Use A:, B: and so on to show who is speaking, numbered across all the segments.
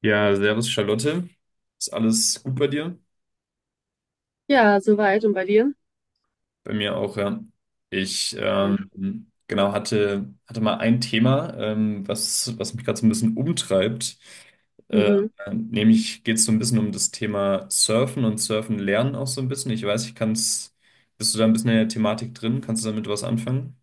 A: Ja, servus Charlotte. Ist alles gut bei dir?
B: Ja, soweit. Und bei dir?
A: Bei mir auch, ja. Ich
B: Ja.
A: genau hatte mal ein Thema, was mich gerade so ein bisschen umtreibt. Äh,
B: Mhm.
A: Nämlich geht es so ein bisschen um das Thema Surfen und Surfen lernen auch so ein bisschen. Ich weiß, ich kann es. Bist du da ein bisschen in der Thematik drin? Kannst du damit was anfangen?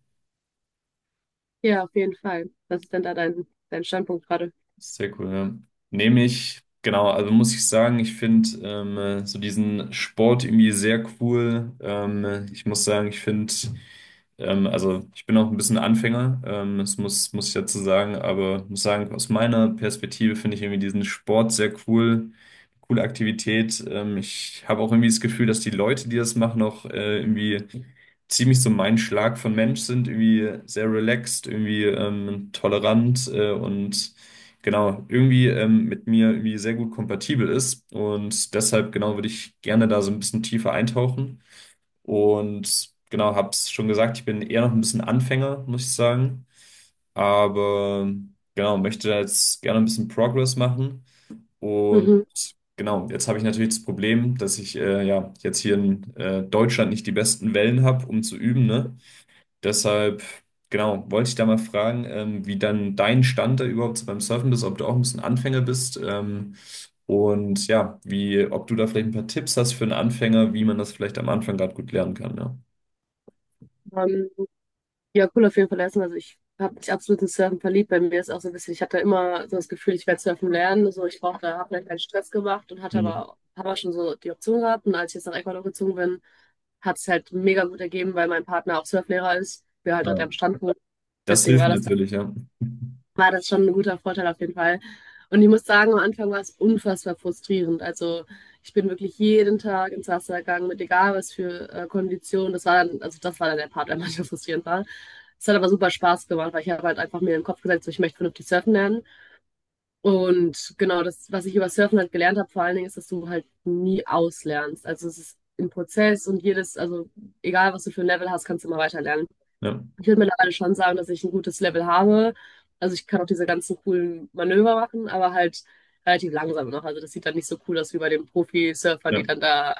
B: Ja, auf jeden Fall. Was ist denn da dein Standpunkt gerade?
A: Sehr cool, ja. Nehme ich, genau, also muss ich sagen, ich finde so diesen Sport irgendwie sehr cool. Ich muss sagen, ich finde, also ich bin auch ein bisschen Anfänger, das muss ich dazu sagen, aber muss sagen, aus meiner Perspektive finde ich irgendwie diesen Sport sehr cool, coole Aktivität. Ich habe auch irgendwie das Gefühl, dass die Leute, die das machen, auch irgendwie ziemlich so mein Schlag von Mensch sind, irgendwie sehr relaxed, irgendwie tolerant und genau, irgendwie mit mir irgendwie sehr gut kompatibel ist. Und deshalb, genau, würde ich gerne da so ein bisschen tiefer eintauchen. Und genau, habe es schon gesagt, ich bin eher noch ein bisschen Anfänger, muss ich sagen. Aber genau, möchte da jetzt gerne ein bisschen Progress machen. Und
B: Mhm.
A: genau, jetzt habe ich natürlich das Problem, dass ich ja jetzt hier in Deutschland nicht die besten Wellen habe, um zu üben, ne? Deshalb, genau, wollte ich da mal fragen, wie dann dein Stand da überhaupt so beim Surfen ist, ob du auch ein bisschen Anfänger bist, und ja, ob du da vielleicht ein paar Tipps hast für einen Anfänger, wie man das vielleicht am Anfang gerade gut lernen kann, ja.
B: Ähm, ja, cool auf jeden Fall lassen. Also ich habe mich absolut ins Surfen verliebt. Bei mir ist auch so ein bisschen, ich hatte immer so das Gefühl, ich werde surfen lernen. So, ich brauchte, habe vielleicht keinen Stress gemacht und hatte
A: Mhm.
B: aber, habe auch schon so die Option gehabt. Und als ich jetzt nach Ecuador gezogen bin, hat es halt mega gut ergeben, weil mein Partner auch Surflehrer ist. Wir halt dort
A: Ja.
B: am Stand wohnen.
A: Das
B: Deswegen
A: hilft natürlich, ja.
B: war das schon ein guter Vorteil auf jeden Fall. Und ich muss sagen, am Anfang war es unfassbar frustrierend. Also ich bin wirklich jeden Tag ins Wasser gegangen, mit egal was für Konditionen. Das war dann, also das war dann der Part, der manchmal frustrierend war. Es hat aber super Spaß gemacht, weil ich habe halt einfach mir in den Kopf gesetzt, so, ich möchte vernünftig surfen lernen. Und genau das, was ich über Surfen halt gelernt habe, vor allen Dingen ist, dass du halt nie auslernst. Also es ist ein Prozess und jedes, also egal was du für ein Level hast, kannst du immer weiter lernen.
A: Ja,
B: Ich würde mittlerweile schon sagen, dass ich ein gutes Level habe. Also ich kann auch diese ganzen coolen Manöver machen, aber halt relativ langsam noch. Also das sieht dann nicht so cool aus wie bei den Profi-Surfern, die
A: ja.
B: dann da,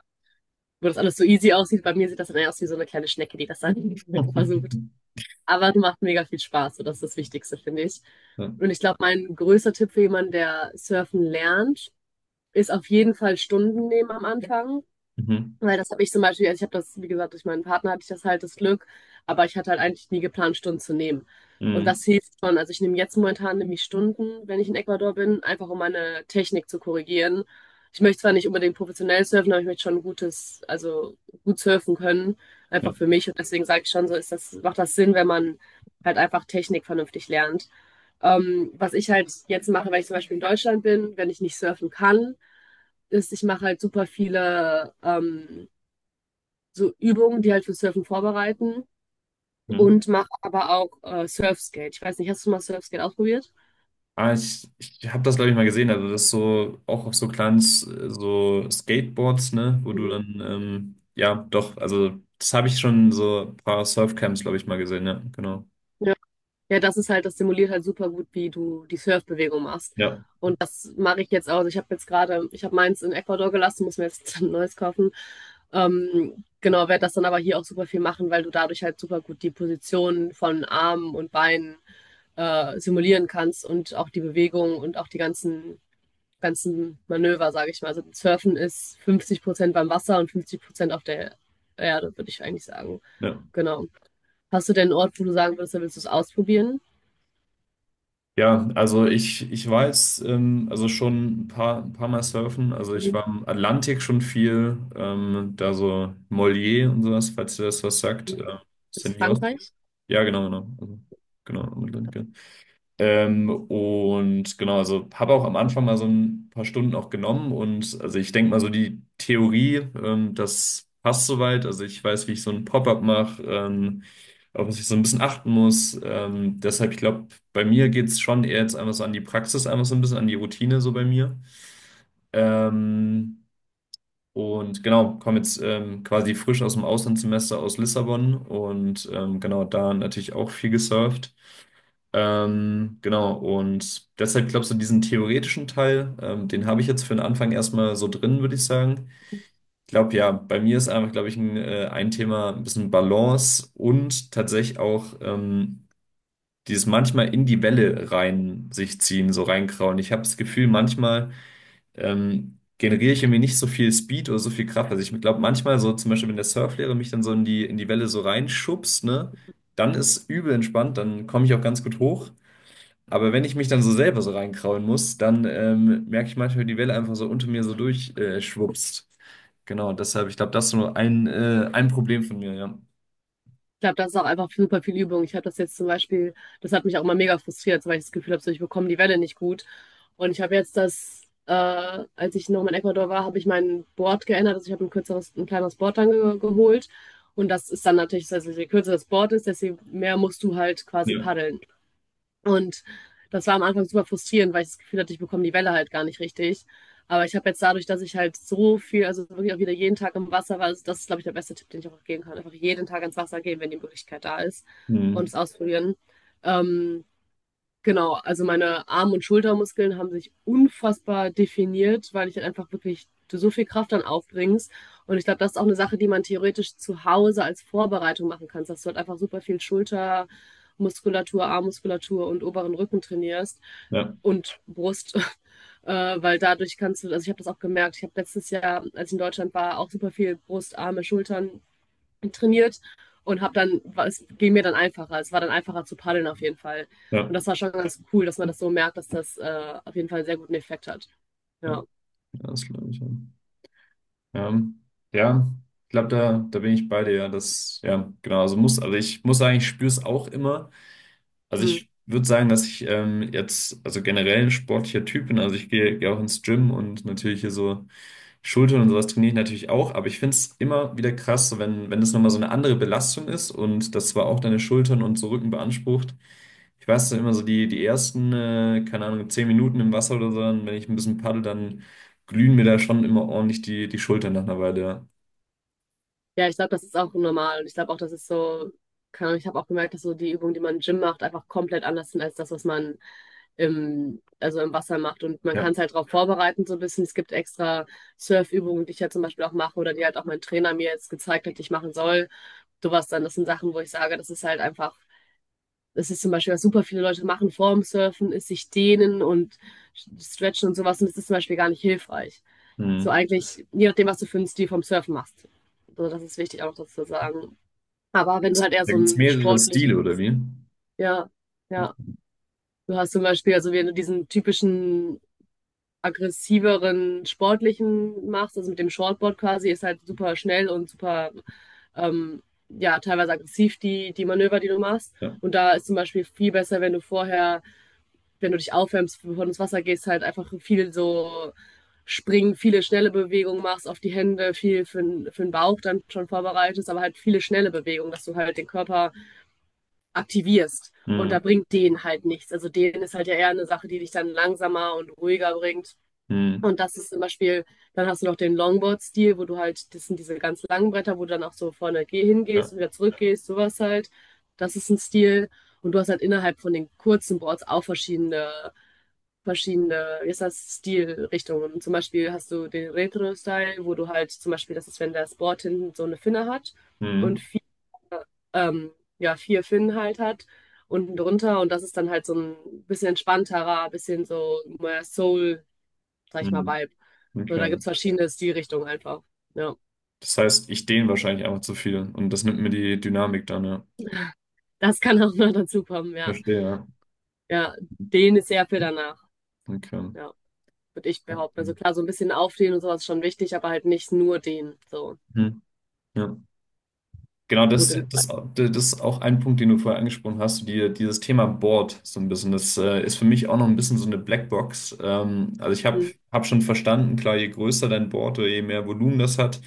B: wo das alles so easy aussieht. Bei mir sieht das dann eher aus wie so eine kleine Schnecke, die das dann versucht. Aber es macht mega viel Spaß, so das ist das Wichtigste, finde ich.
A: Ja.
B: Und ich glaube, mein größter Tipp für jemanden, der surfen lernt, ist auf jeden Fall Stunden nehmen am Anfang.
A: Mhm.
B: Weil das habe ich zum Beispiel, also ich habe das, wie gesagt, durch meinen Partner hatte ich das halt das Glück, aber ich hatte halt eigentlich nie geplant, Stunden zu nehmen. Und
A: Mhm.
B: das hilft schon. Also ich nehme jetzt momentan nämlich Stunden, wenn ich in Ecuador bin, einfach um meine Technik zu korrigieren. Ich möchte zwar nicht unbedingt professionell surfen, aber ich möchte schon ein gutes, also gut surfen können,
A: Ja.
B: einfach für mich. Und deswegen sage ich schon, so ist das, macht das Sinn, wenn man halt einfach Technik vernünftig lernt. Was ich halt jetzt mache, wenn ich zum Beispiel in Deutschland bin, wenn ich nicht surfen kann, ist, ich mache halt super viele so Übungen, die halt für Surfen vorbereiten
A: Mhm.
B: und mache aber auch Surfskate. Ich weiß nicht, hast du mal Surfskate ausprobiert?
A: Ah, ich habe das, glaube ich, mal gesehen. Also, das ist so auch auf so kleinen so Skateboards, ne, wo du
B: Mhm.
A: dann, ja, doch, also, das habe ich schon so ein paar Surfcamps, glaube ich, mal gesehen, ja, genau.
B: Ja. Ja, das ist halt, das simuliert halt super gut, wie du die Surfbewegung machst.
A: Ja,
B: Und das mache ich jetzt auch. Ich habe jetzt gerade, ich habe meins in Ecuador gelassen, muss mir jetzt ein neues kaufen. Genau, werde das dann aber hier auch super viel machen, weil du dadurch halt super gut die Position von Armen und Beinen simulieren kannst und auch die Bewegung und auch die ganzen ganzen Manöver, sage ich mal. Also Surfen ist 50% beim Wasser und 50% auf der Erde, würde ich eigentlich sagen.
A: ja.
B: Genau. Hast du denn einen Ort, wo du sagen würdest, da willst du es ausprobieren?
A: Ja, also ich war jetzt also schon ein paar Mal surfen. Also ich
B: Mhm.
A: war im Atlantik schon viel, da so Mollier und sowas, falls dir das was sagt.
B: Das ist
A: Senior.
B: Frankreich?
A: Ja, genau, genau. Also, genau, im Atlantik. Ja. Und genau, also habe auch am Anfang mal so ein paar Stunden auch genommen und also ich denke mal so die Theorie, das passt soweit. Also ich weiß, wie ich so ein Pop-up mache, auf was ich so ein bisschen achten muss. Deshalb, ich glaube, bei mir geht es schon eher jetzt einfach so an die Praxis, einfach so ein bisschen an die Routine so bei mir. Ähm, und genau, komme jetzt quasi frisch aus dem Auslandssemester aus Lissabon und genau da natürlich auch viel gesurft. Genau, und deshalb glaubst du, diesen theoretischen Teil, den habe ich jetzt für den Anfang erstmal so drin, würde ich sagen. Ich glaube, ja, bei mir ist einfach, glaube ich, ein Thema ein bisschen Balance und tatsächlich auch dieses manchmal in die Welle rein sich ziehen, so reinkrauen. Ich habe das Gefühl, manchmal generiere ich irgendwie nicht so viel Speed oder so viel Kraft. Also ich glaube manchmal so zum Beispiel, wenn der Surflehrer mich dann so in die Welle so reinschubst, ne, dann ist übel entspannt, dann komme ich auch ganz gut hoch. Aber wenn ich mich dann so selber so reinkrauen muss, dann merke ich manchmal, wie die Welle einfach so unter mir so durchschwupst. Schwupst. Genau, deshalb, ich glaube, das ist nur ein Problem von mir, ja.
B: Ich glaube, das ist auch einfach super viel Übung. Ich habe das jetzt zum Beispiel, das hat mich auch mal mega frustriert, weil ich das Gefühl habe, so, ich bekomme die Welle nicht gut. Und ich habe jetzt das, als ich noch in Ecuador war, habe ich mein Board geändert. Also ich habe ein kürzeres, ein kleineres Board dann ge geholt. Und das ist dann natürlich, also je kürzer das Board ist, desto mehr musst du halt quasi
A: Ja.
B: paddeln. Und das war am Anfang super frustrierend, weil ich das Gefühl hatte, ich bekomme die Welle halt gar nicht richtig. Aber ich habe jetzt dadurch, dass ich halt so viel, also wirklich auch wieder jeden Tag im Wasser war, also das ist, glaube ich, der beste Tipp, den ich auch geben kann. Einfach jeden Tag ins Wasser gehen, wenn die Möglichkeit da ist und
A: Hm.
B: es ausprobieren. Ähm, Genau, also meine Arm- und Schultermuskeln haben sich unfassbar definiert, weil ich dann einfach wirklich du so viel Kraft dann aufbringst. Und ich glaube, das ist auch eine Sache, die man theoretisch zu Hause als Vorbereitung machen kannst, dass du halt einfach super viel Schultermuskulatur, Armmuskulatur und oberen Rücken trainierst
A: Ja,
B: und Brust, weil dadurch kannst du, also ich habe das auch gemerkt, ich habe letztes Jahr, als ich in Deutschland war, auch super viel Brust, Arme, Schultern trainiert und habe dann, es ging mir dann einfacher. Es war dann einfacher zu paddeln auf jeden Fall.
A: ja,
B: Und das war schon ganz cool, dass man das so merkt, dass das auf jeden Fall einen sehr guten Effekt hat.
A: ja,
B: Ja,
A: ja, das glaube ich, ja. Ja, ja, ich glaube, da bin ich bei dir, ja. Das, ja, genau, also ich muss sagen, ich spüre es auch immer. Also
B: hm.
A: ich würde sagen, dass ich jetzt, also generell ein sportlicher Typ bin. Also ich gehe auch ins Gym und natürlich hier so Schultern und sowas trainiere ich natürlich auch. Aber ich finde es immer wieder krass, so wenn es nochmal so eine andere Belastung ist und das zwar auch deine Schultern und so Rücken beansprucht. Ich weiß dann immer so die ersten, keine Ahnung, 10 Minuten im Wasser oder so, dann, wenn ich ein bisschen paddel, dann glühen mir da schon immer ordentlich die Schultern nach einer Weile. Ja.
B: Ja, ich glaube, das ist auch normal. Und ich glaube auch, das ist so, keine Ahnung, ich habe auch gemerkt, dass so die Übungen, die man im Gym macht, einfach komplett anders sind als das, was man im, also im Wasser macht. Und man
A: Ja.
B: kann es halt darauf vorbereiten, so ein bisschen. Es gibt extra Surfübungen, die ich ja zum Beispiel auch mache oder die halt auch mein Trainer mir jetzt gezeigt hat, die ich machen soll. Sowas dann, das sind Sachen, wo ich sage, das ist halt einfach. Das ist zum Beispiel, was super viele Leute machen vorm Surfen, ist sich dehnen und stretchen und sowas. Und das ist zum Beispiel gar nicht hilfreich. So
A: Hm.
B: eigentlich, je nachdem, was du für einen Stil vom Surfen machst. Also das ist wichtig auch dazu zu sagen. Aber wenn du halt eher
A: Da
B: so
A: gibt's da
B: einen
A: mehrere Stile,
B: sportlichen,
A: oder wie?
B: ja, ja. Du hast zum Beispiel, also wenn du diesen typischen aggressiveren sportlichen machst, also mit dem Shortboard quasi, ist halt super schnell und super, ähm, ja, teilweise aggressiv die Manöver, die du machst.
A: Ja.
B: Und da ist zum Beispiel viel besser, wenn du vorher wenn du dich aufwärmst, bevor du ins Wasser gehst, halt einfach viel so springen, viele schnelle Bewegungen machst, auf die Hände, viel für, für den Bauch dann schon vorbereitest, aber halt viele schnelle Bewegungen, dass du halt den Körper aktivierst. Und da
A: Hm.
B: bringt denen halt nichts. Also denen ist halt ja eher eine Sache, die dich dann langsamer und ruhiger bringt.
A: Hm.
B: Und das ist zum Beispiel, dann hast du noch den Longboard-Stil, wo du halt, das sind diese ganz langen Bretter, wo du dann auch so vorne
A: Ja.
B: hingehst und wieder zurückgehst, sowas halt. Das ist ein Stil. Und du hast halt innerhalb von den kurzen Boards auch verschiedene, wie ist das, Stilrichtungen. Zum Beispiel hast du den Retro-Style, wo du halt zum Beispiel, das ist, wenn das Board hinten so eine Finne hat
A: Hm.
B: und vier, ähm, ja, vier Finnen halt hat, unten drunter und das ist dann halt so ein bisschen entspannterer, bisschen so mehr Soul, sag ich mal,
A: Hm,
B: Vibe. So, da
A: okay.
B: gibt's verschiedene Stilrichtungen einfach. Ja,
A: Das heißt, ich dehne wahrscheinlich einfach zu viel und das nimmt mir die Dynamik dann, ja.
B: das kann auch noch dazu kommen, ja.
A: Verstehe, ja.
B: Ja, den ist sehr viel danach,
A: Okay.
B: ja, würde ich behaupten. Also klar, so ein bisschen aufdehnen und sowas ist schon wichtig, aber halt nicht nur den, so.
A: Hm, ja. Genau, das,
B: Gute.
A: das, das ist auch ein Punkt, den du vorher angesprochen hast, die, dieses Thema Board so ein bisschen. Das ist für mich auch noch ein bisschen so eine Blackbox. Also ich habe hab
B: Mhm.
A: hab schon verstanden, klar, je größer dein Board oder je mehr Volumen das hat,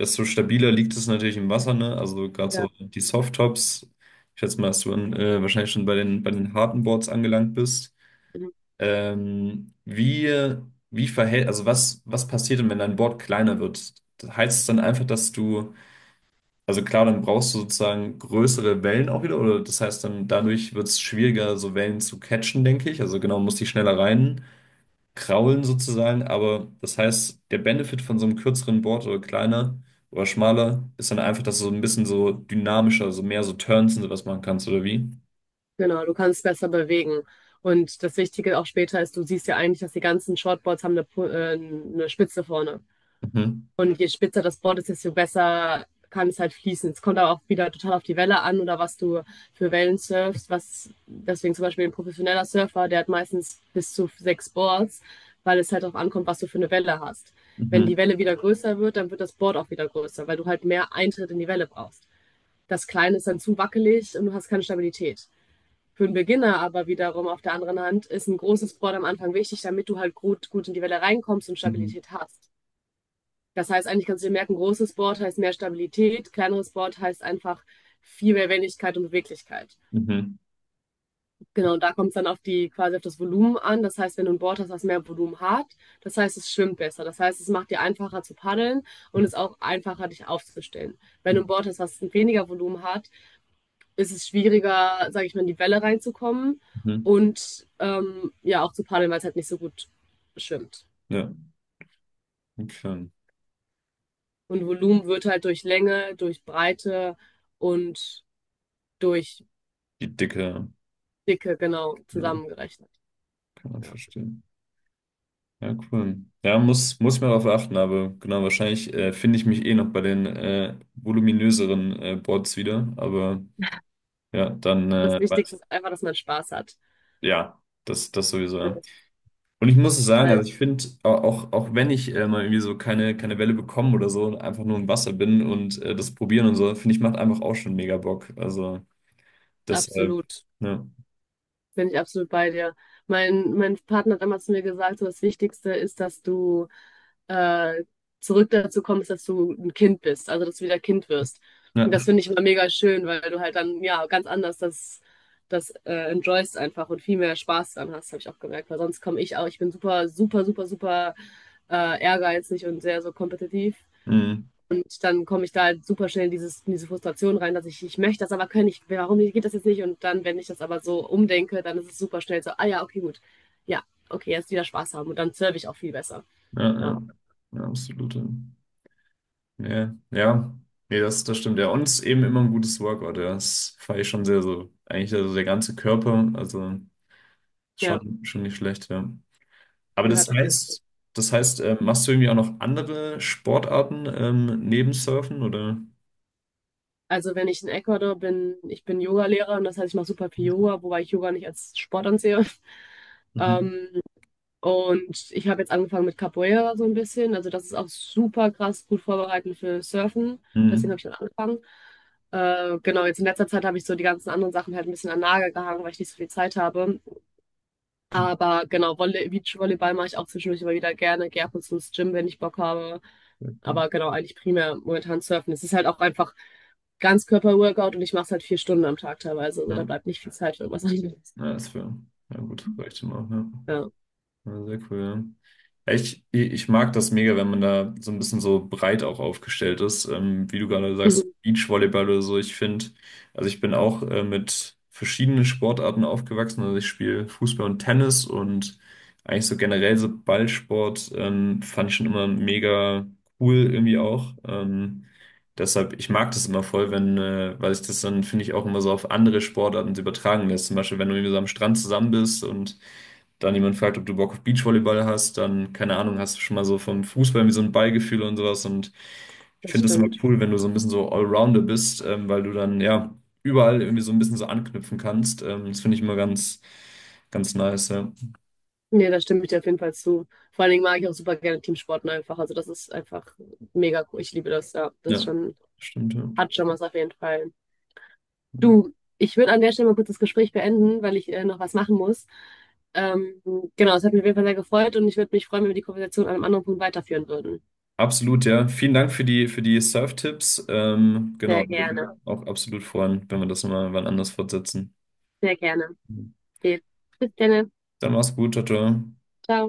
A: desto stabiler liegt es natürlich im Wasser, ne? Also gerade so die Softtops, ich schätze mal, dass du wahrscheinlich schon bei den harten Boards angelangt bist.
B: Mhm.
A: Ähm, wie, wie verhält, also was passiert denn, wenn dein Board kleiner wird? Heißt es dann einfach, dass du, also klar, dann brauchst du sozusagen größere Wellen auch wieder, oder das heißt dann, dadurch wird es schwieriger, so Wellen zu catchen, denke ich. Also genau, muss die schneller rein kraulen sozusagen, aber das heißt, der Benefit von so einem kürzeren Board oder kleiner oder schmaler ist dann einfach, dass du so ein bisschen so dynamischer, so mehr so Turns und sowas machen kannst, oder wie?
B: Genau, du kannst besser bewegen. Und das Wichtige auch später ist, du siehst ja eigentlich, dass die ganzen Shortboards haben eine, eine Spitze vorne.
A: Mhm.
B: Und je spitzer das Board ist, desto besser kann es halt fließen. Es kommt aber auch wieder total auf die Welle an oder was du für Wellen surfst. Was, deswegen zum Beispiel ein professioneller Surfer, der hat meistens bis zu 6 Boards, weil es halt darauf ankommt, was du für eine Welle hast. Wenn die
A: Mhm.
B: Welle wieder größer wird, dann wird das Board auch wieder größer, weil du halt mehr Eintritt in die Welle brauchst. Das Kleine ist dann zu wackelig und du hast keine Stabilität. Für einen Beginner aber wiederum auf der anderen Hand ist ein großes Board am Anfang wichtig, damit du halt gut in die Welle reinkommst und
A: Mhm.
B: Stabilität hast. Das heißt, eigentlich kannst du dir merken, großes Board heißt mehr Stabilität, kleineres Board heißt einfach viel mehr Wendigkeit und Beweglichkeit.
A: Mhm.
B: Genau, und da kommt es dann auf die, quasi auf das Volumen an. Das heißt, wenn du ein Board hast, was mehr Volumen hat, das heißt, es schwimmt besser. Das heißt, es macht dir einfacher zu paddeln und es ist auch einfacher, dich aufzustellen. Wenn du ein Board hast, was weniger Volumen hat, ist es schwieriger, sage ich mal, in die Welle reinzukommen
A: Mhm.
B: und ja auch zu paddeln, weil es halt nicht so gut schwimmt.
A: Ja, okay.
B: Und Volumen wird halt durch Länge, durch Breite und durch
A: Die Dicke,
B: Dicke genau
A: ja,
B: zusammengerechnet.
A: kann man
B: Ja.
A: verstehen. Ja, cool. Ja, muss ich mal darauf achten, aber genau, wahrscheinlich finde ich mich eh noch bei den voluminöseren Boards wieder, aber ja, dann,
B: Das Wichtigste ist einfach, dass man Spaß hat.
A: ja, das sowieso, ja. Und ich muss sagen, also
B: Weil
A: ich finde, auch, auch wenn ich mal irgendwie so keine Welle bekomme oder so, und einfach nur im Wasser bin und das probieren und so, finde ich, macht einfach auch schon mega Bock. Also deshalb,
B: absolut.
A: ja,
B: Bin ich absolut bei dir. Mein Partner hat immer zu mir gesagt, so das Wichtigste ist, dass du äh, zurück dazu kommst, dass du ein Kind bist, also dass du wieder Kind wirst.
A: ja,
B: Und das finde ich immer mega schön, weil du halt dann ja ganz anders das, das enjoyst einfach und viel mehr Spaß dran hast, habe ich auch gemerkt. Weil sonst komme ich auch, ich bin super ehrgeizig und sehr so kompetitiv.
A: mm,
B: Und dann komme ich da halt super schnell in, in diese Frustration rein, dass ich möchte das aber kann ich, warum geht das jetzt nicht? Und dann, wenn ich das aber so umdenke, dann ist es super schnell so, ah ja, okay, gut. Ja, okay, jetzt wieder Spaß haben und dann serve ich auch viel besser.
A: ja,
B: Ja,
A: ja, ja, absolut. Ja. Ja, ja. Nee, das stimmt. Ja, und es ist eben immer ein gutes Workout. Ja. Das fand ich schon sehr so. Eigentlich also der ganze Körper, also
B: ja
A: schon nicht schlecht, ja. Aber
B: gehört
A: das
B: auf jeden Fall.
A: heißt, das heißt, machst du irgendwie auch noch andere Sportarten neben Surfen oder?
B: Also wenn ich in Ecuador bin, ich bin Yogalehrer und das heißt, ich mache super viel Yoga, wobei ich Yoga nicht als Sport ansehe.
A: Mhm.
B: Ähm, Und ich habe jetzt angefangen mit Capoeira so ein bisschen. Also das ist auch super krass gut vorbereitend für Surfen. Deswegen habe
A: Mhm.
B: ich dann angefangen. Genau, jetzt in letzter Zeit habe ich so die ganzen anderen Sachen halt ein bisschen an den Nagel gehangen, weil ich nicht so viel Zeit habe. Aber genau, Volley Beachvolleyball mache ich auch zwischendurch immer wieder gerne. Gehe ab und zu ins Gym, wenn ich Bock habe. Aber genau, eigentlich primär momentan Surfen. Es ist halt auch einfach Ganzkörper-Workout und ich mache es halt 4 Stunden am Tag teilweise. Also da
A: Ja,
B: bleibt nicht viel Zeit für irgendwas anderes.
A: ja, das wäre, ja gut, reicht immer, ja.
B: Ja,
A: Ja, sehr cool. Ja, ja, ich mag das mega, wenn man da so ein bisschen so breit auch aufgestellt ist. Wie du gerade sagst,
B: Mhm,
A: Beachvolleyball oder so. Ich finde, also ich bin auch mit verschiedenen Sportarten aufgewachsen. Also ich spiele Fußball und Tennis und eigentlich so generell so Ballsport fand ich schon immer mega cool irgendwie auch. Deshalb, ich mag das immer voll, wenn, weil ich das dann, finde ich, auch immer so auf andere Sportarten so übertragen lässt. Zum Beispiel, wenn du irgendwie so am Strand zusammen bist und dann jemand fragt, ob du Bock auf Beachvolleyball hast, dann, keine Ahnung, hast du schon mal so vom Fußball wie so ein Ballgefühl und sowas. Und ich
B: das
A: finde das immer
B: stimmt.
A: cool, wenn du so ein bisschen so Allrounder bist, weil du dann ja überall irgendwie so ein bisschen so anknüpfen kannst. Das finde ich immer ganz, ganz nice, ja.
B: Nee, da stimme ich dir auf jeden Fall zu. Vor allen Dingen mag ich auch super gerne Teamsporten einfach. Also das ist einfach mega cool. Ich liebe das, ja. Das ist
A: Ja,
B: schon,
A: stimmt, ja.
B: hat schon was auf jeden Fall. Du, ich würde an der Stelle mal kurz das Gespräch beenden, weil ich noch was machen muss. Ähm, genau, es hat mich auf jeden Fall sehr gefreut und ich würde mich freuen, wenn wir die Konversation an einem anderen Punkt weiterführen würden.
A: Absolut, ja. Vielen Dank für die Surf-Tipps. Genau,
B: Sehr
A: würde mich
B: gerne,
A: auch absolut freuen, wenn wir das mal wann anders fortsetzen.
B: sehr gerne.
A: Dann
B: Okay. Bis dann,
A: mach's gut, ciao, ciao.
B: ciao.